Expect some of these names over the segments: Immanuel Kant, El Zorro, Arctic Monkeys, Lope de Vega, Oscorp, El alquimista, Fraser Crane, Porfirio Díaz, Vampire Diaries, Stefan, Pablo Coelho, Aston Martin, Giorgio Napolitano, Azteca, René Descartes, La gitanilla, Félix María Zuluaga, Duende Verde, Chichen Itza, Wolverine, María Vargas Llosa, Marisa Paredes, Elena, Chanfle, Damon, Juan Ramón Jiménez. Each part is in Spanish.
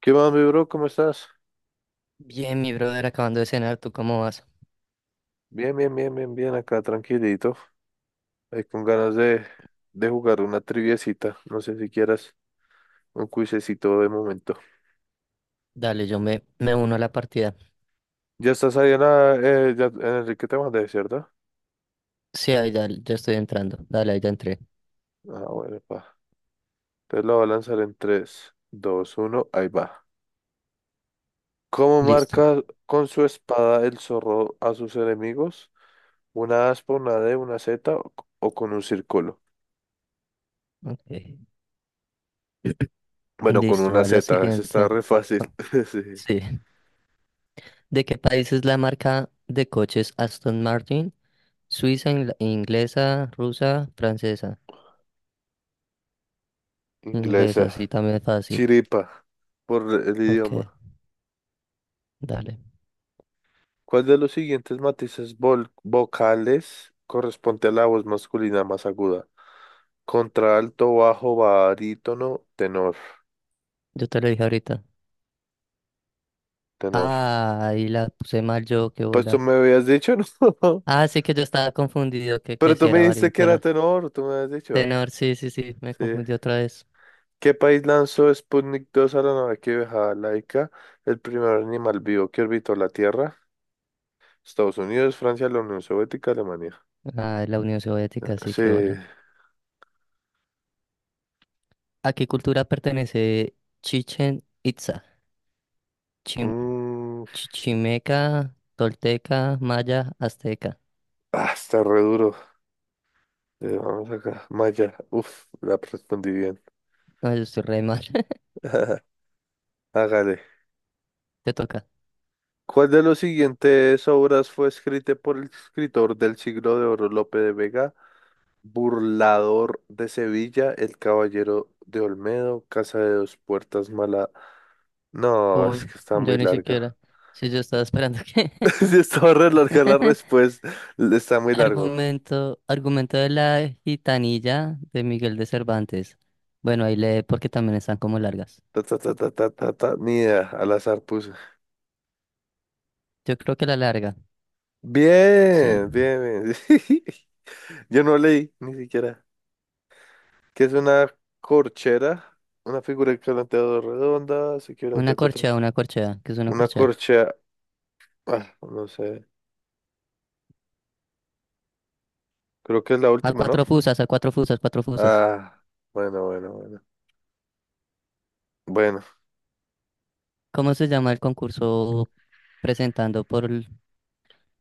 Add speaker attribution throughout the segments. Speaker 1: ¿Qué más, mi bro? ¿Cómo estás?
Speaker 2: Bien, mi brother, acabando de cenar, ¿tú cómo vas?
Speaker 1: Bien, bien, bien, bien, bien, acá tranquilito. Ahí con ganas de jugar una triviecita. No sé si quieras un cuisecito de momento.
Speaker 2: Dale, yo me uno a la partida.
Speaker 1: Ya estás ahí en la... ya, en Enrique te mandé, ¿cierto?
Speaker 2: Sí, ahí dale, ya estoy entrando. Dale, ahí ya entré.
Speaker 1: Ah, bueno, pa. Entonces lo voy a lanzar en tres, dos, uno, ahí va. ¿Cómo
Speaker 2: Listo.
Speaker 1: marca con su espada el zorro a sus enemigos? ¿Una aspa, una D, una Z o con un círculo?
Speaker 2: Ok.
Speaker 1: Bueno, con
Speaker 2: Listo,
Speaker 1: una
Speaker 2: a la
Speaker 1: Z, ese está
Speaker 2: siguiente.
Speaker 1: re fácil.
Speaker 2: Ah,
Speaker 1: Sí,
Speaker 2: sí. ¿De qué país es la marca de coches Aston Martin? Suiza, inglesa, rusa, francesa. Inglesa,
Speaker 1: inglesa.
Speaker 2: sí, también es fácil.
Speaker 1: Chiripa, por el
Speaker 2: Ok,
Speaker 1: idioma.
Speaker 2: dale.
Speaker 1: ¿Cuál de los siguientes matices vocales corresponde a la voz masculina más aguda? Contralto, bajo, barítono, tenor.
Speaker 2: Yo te lo dije ahorita.
Speaker 1: Tenor.
Speaker 2: Ah, ahí la puse mal yo, qué
Speaker 1: Pues tú
Speaker 2: bola.
Speaker 1: me habías dicho, ¿no?
Speaker 2: Ah, sí que yo estaba confundido que
Speaker 1: Pero
Speaker 2: si
Speaker 1: tú me
Speaker 2: era
Speaker 1: dijiste que
Speaker 2: variante.
Speaker 1: era tenor, tú me habías dicho.
Speaker 2: Tenor, sí, sí, sí, me
Speaker 1: Sí.
Speaker 2: confundí otra vez.
Speaker 1: ¿Qué país lanzó Sputnik 2 a la nave que viajaba laica? El primer animal vivo que orbitó la Tierra. Estados Unidos, Francia, la Unión Soviética, Alemania.
Speaker 2: Ah, la Unión Soviética, así
Speaker 1: Sí.
Speaker 2: que hola. ¿A qué cultura pertenece Chichen Itza? Chim-
Speaker 1: Mm,
Speaker 2: Chichimeca, Tolteca, Maya, Azteca.
Speaker 1: ah, está re duro. Vamos acá. Maya. Uf, la respondí bien.
Speaker 2: No, yo estoy re mal.
Speaker 1: Hágale.
Speaker 2: Te toca.
Speaker 1: ¿Cuál de las siguientes obras fue escrita por el escritor del siglo de oro Lope de Vega? Burlador de Sevilla, El Caballero de Olmedo, Casa de dos Puertas, Mala. No, es
Speaker 2: Uy,
Speaker 1: que está
Speaker 2: yo
Speaker 1: muy
Speaker 2: ni
Speaker 1: larga.
Speaker 2: siquiera. Sí, yo estaba esperando que.
Speaker 1: Sí, estaba re larga la respuesta. Está muy largo.
Speaker 2: Argumento, argumento de la gitanilla de Miguel de Cervantes. Bueno, ahí lee porque también están como largas.
Speaker 1: Ta, ta, ta, ta, ta, ta, ta. Ni idea, al azar puse.
Speaker 2: Yo creo que la larga, sí.
Speaker 1: Bien, bien, bien. Yo no leí, ni siquiera. Que es una corchera, una figura equivalente a dos redonda, se equivalente a cuatro.
Speaker 2: Una corchea, que es una
Speaker 1: Una
Speaker 2: corchea.
Speaker 1: corchea, ah, no sé, creo que es la última, ¿no?
Speaker 2: A cuatro fusas, cuatro fusas.
Speaker 1: Ah, bueno, bueno, bueno. Bueno,
Speaker 2: ¿Cómo se llama el concurso presentando por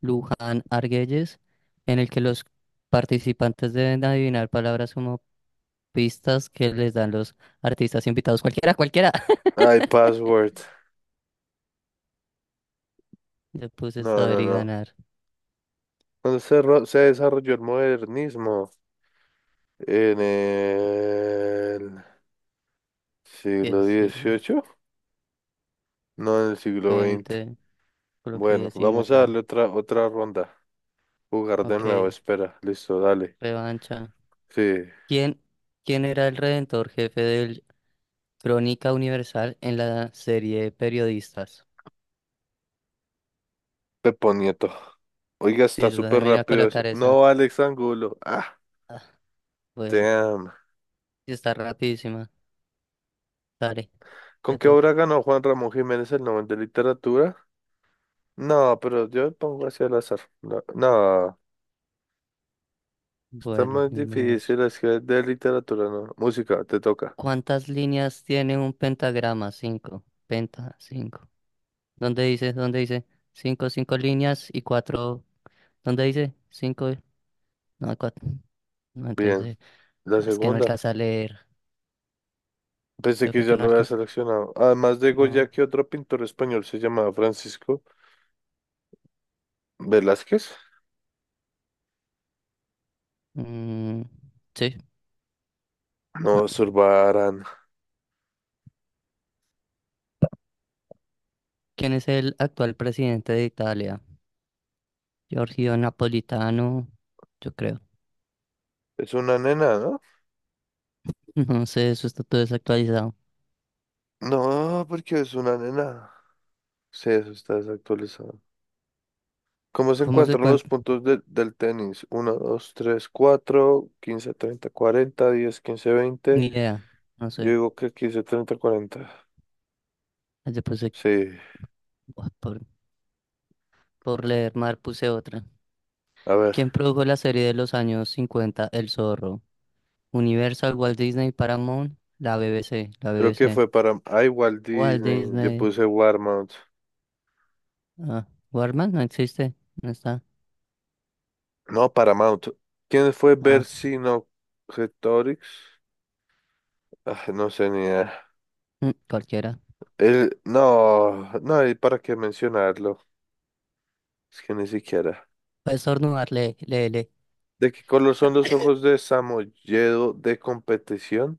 Speaker 2: Luján Argüelles, en el que los participantes deben adivinar palabras como pistas que les dan los artistas invitados? Cualquiera, cualquiera.
Speaker 1: ay, password.
Speaker 2: Le puse
Speaker 1: No,
Speaker 2: saber
Speaker 1: no,
Speaker 2: y
Speaker 1: no.
Speaker 2: ganar.
Speaker 1: Cuando se desarrolló el modernismo en el siglo
Speaker 2: Diez y
Speaker 1: dieciocho no en el siglo XX.
Speaker 2: 20, creo que
Speaker 1: Bueno, vamos a
Speaker 2: 19.
Speaker 1: darle otra ronda. Jugar de
Speaker 2: Ok,
Speaker 1: nuevo, espera. Listo, dale.
Speaker 2: revancha.
Speaker 1: Sí,
Speaker 2: ¿Quién, quién era el redentor jefe del Crónica Universal en la serie de periodistas?
Speaker 1: Pepo Nieto. Oiga,
Speaker 2: Sí,
Speaker 1: está
Speaker 2: yo
Speaker 1: súper
Speaker 2: también me iba a
Speaker 1: rápido eso.
Speaker 2: colocar esa.
Speaker 1: No, Alex Angulo. Ah,
Speaker 2: Ah, bueno,
Speaker 1: damn.
Speaker 2: sí está rapidísima. Dale,
Speaker 1: ¿Con
Speaker 2: te
Speaker 1: qué obra
Speaker 2: toca.
Speaker 1: ganó Juan Ramón Jiménez el Nobel de Literatura? No, pero yo pongo así al azar. No, no, está
Speaker 2: Bueno,
Speaker 1: muy
Speaker 2: ni modos.
Speaker 1: difícil. Es que de literatura, no. Música, te toca.
Speaker 2: ¿Cuántas líneas tiene un pentagrama? Cinco. Penta, cinco. ¿Dónde dice? ¿Dónde dice? Cinco, cinco líneas y cuatro. ¿Dónde dice? Cinco. No, cuatro. No,
Speaker 1: Bien.
Speaker 2: entonces.
Speaker 1: La
Speaker 2: Ah, es que no
Speaker 1: segunda.
Speaker 2: alcanza a leer.
Speaker 1: Pensé
Speaker 2: Yo
Speaker 1: que
Speaker 2: fue
Speaker 1: ya
Speaker 2: que no
Speaker 1: lo había
Speaker 2: alcanza.
Speaker 1: seleccionado. Además de
Speaker 2: No.
Speaker 1: Goya, ¿qué otro pintor español se llamaba Francisco Velázquez?
Speaker 2: Mm, sí. No.
Speaker 1: No, Zurbarán.
Speaker 2: ¿Quién es el actual presidente de Italia? Giorgio Napolitano, yo creo.
Speaker 1: Es una nena, ¿no?
Speaker 2: No sé, eso está todo desactualizado.
Speaker 1: No, porque es una nena. Sí, eso está desactualizado. ¿Cómo se
Speaker 2: ¿Cómo se
Speaker 1: encuentran los
Speaker 2: cuenta?
Speaker 1: puntos del tenis? Uno, dos, tres, cuatro, 15, 30, 40, 10, 15, 20.
Speaker 2: Ni idea, no
Speaker 1: Yo
Speaker 2: sé.
Speaker 1: digo que 15, 30, cuarenta.
Speaker 2: Después de-
Speaker 1: Sí,
Speaker 2: Buah, por leer Mar puse otra.
Speaker 1: a ver.
Speaker 2: ¿Quién produjo la serie de los años 50 El Zorro? Universal, Walt Disney, Paramount, la BBC, la
Speaker 1: Creo que
Speaker 2: BBC.
Speaker 1: fue para... Ah, igual
Speaker 2: Walt
Speaker 1: Disney. Yo
Speaker 2: Disney.
Speaker 1: puse Warmount.
Speaker 2: Ah, Warman no existe, no está.
Speaker 1: No, Paramount. ¿Quién fue
Speaker 2: Ah,
Speaker 1: Vercingetorix? Ah, no sé, ni idea.
Speaker 2: mm, cualquiera.
Speaker 1: El... No, no hay para qué mencionarlo. Es que ni siquiera.
Speaker 2: Puedes estornudar, le le le.
Speaker 1: ¿De qué color son los ojos de Samoyedo de competición?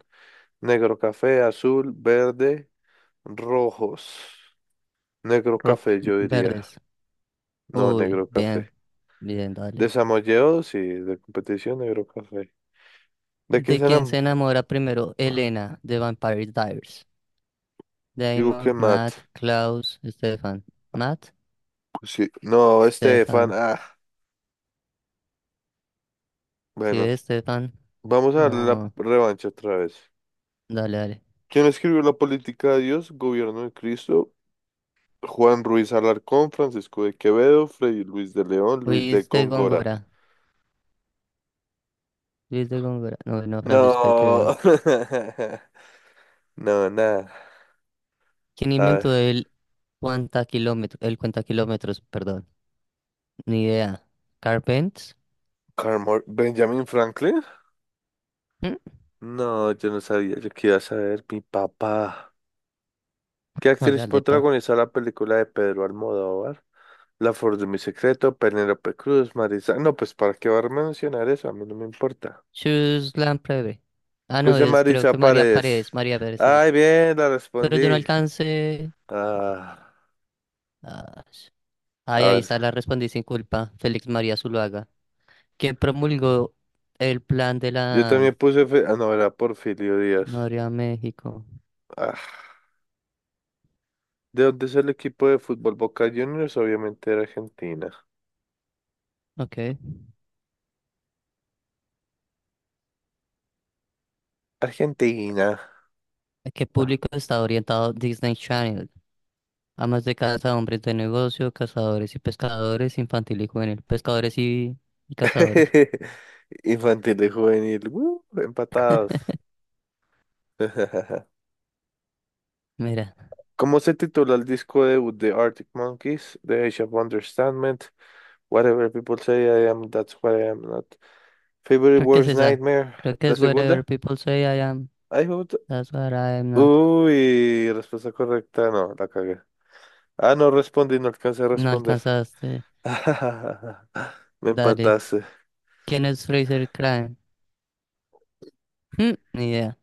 Speaker 1: Negro café, azul, verde, rojos. Negro
Speaker 2: Ro-
Speaker 1: café, yo diría.
Speaker 2: verdes.
Speaker 1: No,
Speaker 2: Uy,
Speaker 1: negro
Speaker 2: bien,
Speaker 1: café.
Speaker 2: bien,
Speaker 1: De
Speaker 2: dale.
Speaker 1: Samoyedos y de competición, negro café. ¿De qué
Speaker 2: ¿De quién se
Speaker 1: serán?
Speaker 2: enamora primero Elena de Vampire Diaries?
Speaker 1: Digo que
Speaker 2: Damon,
Speaker 1: mat.
Speaker 2: Matt, Klaus, Stefan. Matt.
Speaker 1: Pues sí. No, Estefan.
Speaker 2: Stefan.
Speaker 1: Ah,
Speaker 2: Sí,
Speaker 1: bueno.
Speaker 2: Stefan.
Speaker 1: Vamos a darle la
Speaker 2: No,
Speaker 1: revancha otra vez.
Speaker 2: dale, dale.
Speaker 1: ¿Quién escribió La política de Dios? Gobierno de Cristo. Juan Ruiz Alarcón, Francisco de Quevedo, Fray Luis de León, Luis de
Speaker 2: Luis de
Speaker 1: Góngora.
Speaker 2: Góngora. Luis de Góngora. No, no, Francisco de
Speaker 1: No.
Speaker 2: Quevedo.
Speaker 1: No, nada.
Speaker 2: ¿Quién
Speaker 1: A
Speaker 2: inventó
Speaker 1: ver.
Speaker 2: el cuenta kilómetro, el cuenta kilómetros? Perdón. Ni idea. Carpent.
Speaker 1: ¿Benjamin Franklin?
Speaker 2: ¿Mm?
Speaker 1: No, yo no sabía, yo quería saber, mi papá. ¿Qué actriz
Speaker 2: Hágale, pa.
Speaker 1: protagonizó la película de Pedro Almodóvar? La Flor de mi secreto, Penélope Cruz, Marisa. No, pues para qué va a mencionar eso, a mí no me importa.
Speaker 2: Shoes Lamprey. Ah, no,
Speaker 1: Pues de
Speaker 2: es creo que
Speaker 1: Marisa
Speaker 2: María
Speaker 1: Paredes.
Speaker 2: Paredes. María Paredes, sí.
Speaker 1: Ay, bien, la
Speaker 2: Pero yo no
Speaker 1: respondí.
Speaker 2: alcancé.
Speaker 1: Ah,
Speaker 2: Ah, ay,
Speaker 1: a
Speaker 2: ahí
Speaker 1: ver,
Speaker 2: está la respondí sin culpa. Félix María Zuluaga. ¿Quién promulgó el plan de
Speaker 1: yo
Speaker 2: la
Speaker 1: también puse, ah, no, era Porfirio Díaz.
Speaker 2: Noria México?
Speaker 1: Ah, ¿de dónde es el equipo de fútbol Boca Juniors? Obviamente era Argentina.
Speaker 2: Ok.
Speaker 1: Argentina.
Speaker 2: ¿A qué público está orientado Disney Channel? Amas de casa, hombres de negocio, cazadores y pescadores, infantil y juvenil, pescadores y cazadores.
Speaker 1: Infantil y juvenil, empatados.
Speaker 2: Mira,
Speaker 1: ¿Cómo se titula el disco debut de Arctic Monkeys, The Age of Understandment, Whatever People Say I Am, That's What I Am Not, Favorite
Speaker 2: creo que es
Speaker 1: Worst
Speaker 2: esa.
Speaker 1: Nightmare?
Speaker 2: Creo que
Speaker 1: ¿La
Speaker 2: es Wherever
Speaker 1: segunda?
Speaker 2: People Say I Am.
Speaker 1: Ay, me gusta.
Speaker 2: That's what I am not.
Speaker 1: Uy, respuesta correcta, no, la cagué. Ah, no respondí, no alcancé a
Speaker 2: No
Speaker 1: responder.
Speaker 2: alcanzaste.
Speaker 1: Me
Speaker 2: Dale.
Speaker 1: empataste.
Speaker 2: ¿Quién es Fraser Crane? Mm, ni idea.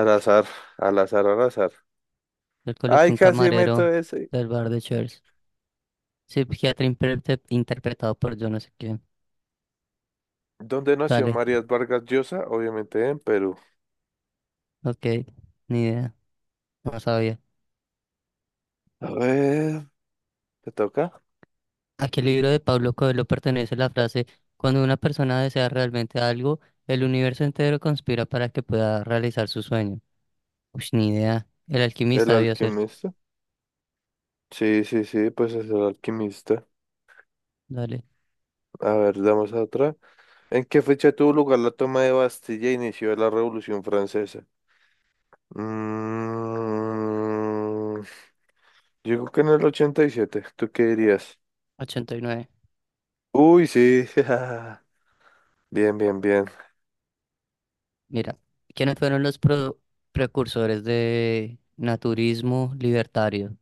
Speaker 1: Al azar, al azar, al azar.
Speaker 2: Yo
Speaker 1: Ay,
Speaker 2: coloqué un
Speaker 1: casi meto
Speaker 2: camarero
Speaker 1: eso.
Speaker 2: del bar de Cheers. Sí, psiquiatra interpretado por yo no sé quién.
Speaker 1: ¿Dónde nació
Speaker 2: Dale.
Speaker 1: María Vargas Llosa? Obviamente en Perú.
Speaker 2: Ok. Ni idea. No sabía.
Speaker 1: A ver, ¿te toca?
Speaker 2: ¿A qué libro de Pablo Coelho pertenece la frase, cuando una persona desea realmente algo, el universo entero conspira para que pueda realizar su sueño? Uy, ni idea. El
Speaker 1: El
Speaker 2: alquimista debió ser.
Speaker 1: alquimista. Sí, sí, sí, pues es el alquimista.
Speaker 2: Dale.
Speaker 1: A ver, damos a otra. ¿En qué fecha tuvo lugar la toma de Bastilla e inició la Revolución Francesa? Mm, yo creo que en el 87. ¿Tú qué dirías?
Speaker 2: 89.
Speaker 1: Uy, sí. Bien, bien, bien.
Speaker 2: Mira, ¿quiénes fueron los precursores de naturismo libertario?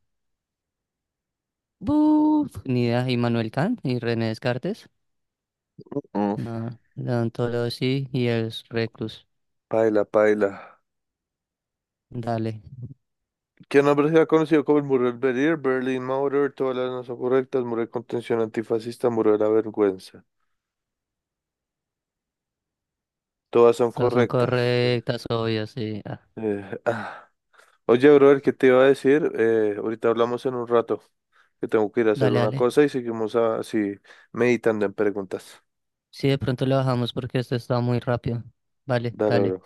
Speaker 2: Buf, ni idea. ¿Immanuel Kant y René Descartes?
Speaker 1: Mm,
Speaker 2: No. León Tolosí y el Reclus.
Speaker 1: Paila, paila.
Speaker 2: Dale.
Speaker 1: ¿Qué nombre se ha conocido como el muro del Berlín? Berlin Mauer, todas las no son correctas. Muro de contención antifascista, muro de la vergüenza. Todas son
Speaker 2: Todas son
Speaker 1: correctas. Eh,
Speaker 2: correctas, obvio, sí. Ah,
Speaker 1: eh, ah. Oye, brother, ¿qué te iba a decir? Ahorita hablamos en un rato, que tengo que ir a hacer
Speaker 2: dale,
Speaker 1: una
Speaker 2: dale.
Speaker 1: cosa y seguimos así meditando en preguntas.
Speaker 2: Sí, de pronto lo bajamos porque esto está muy rápido. Vale,
Speaker 1: Dale,
Speaker 2: dale.
Speaker 1: bro.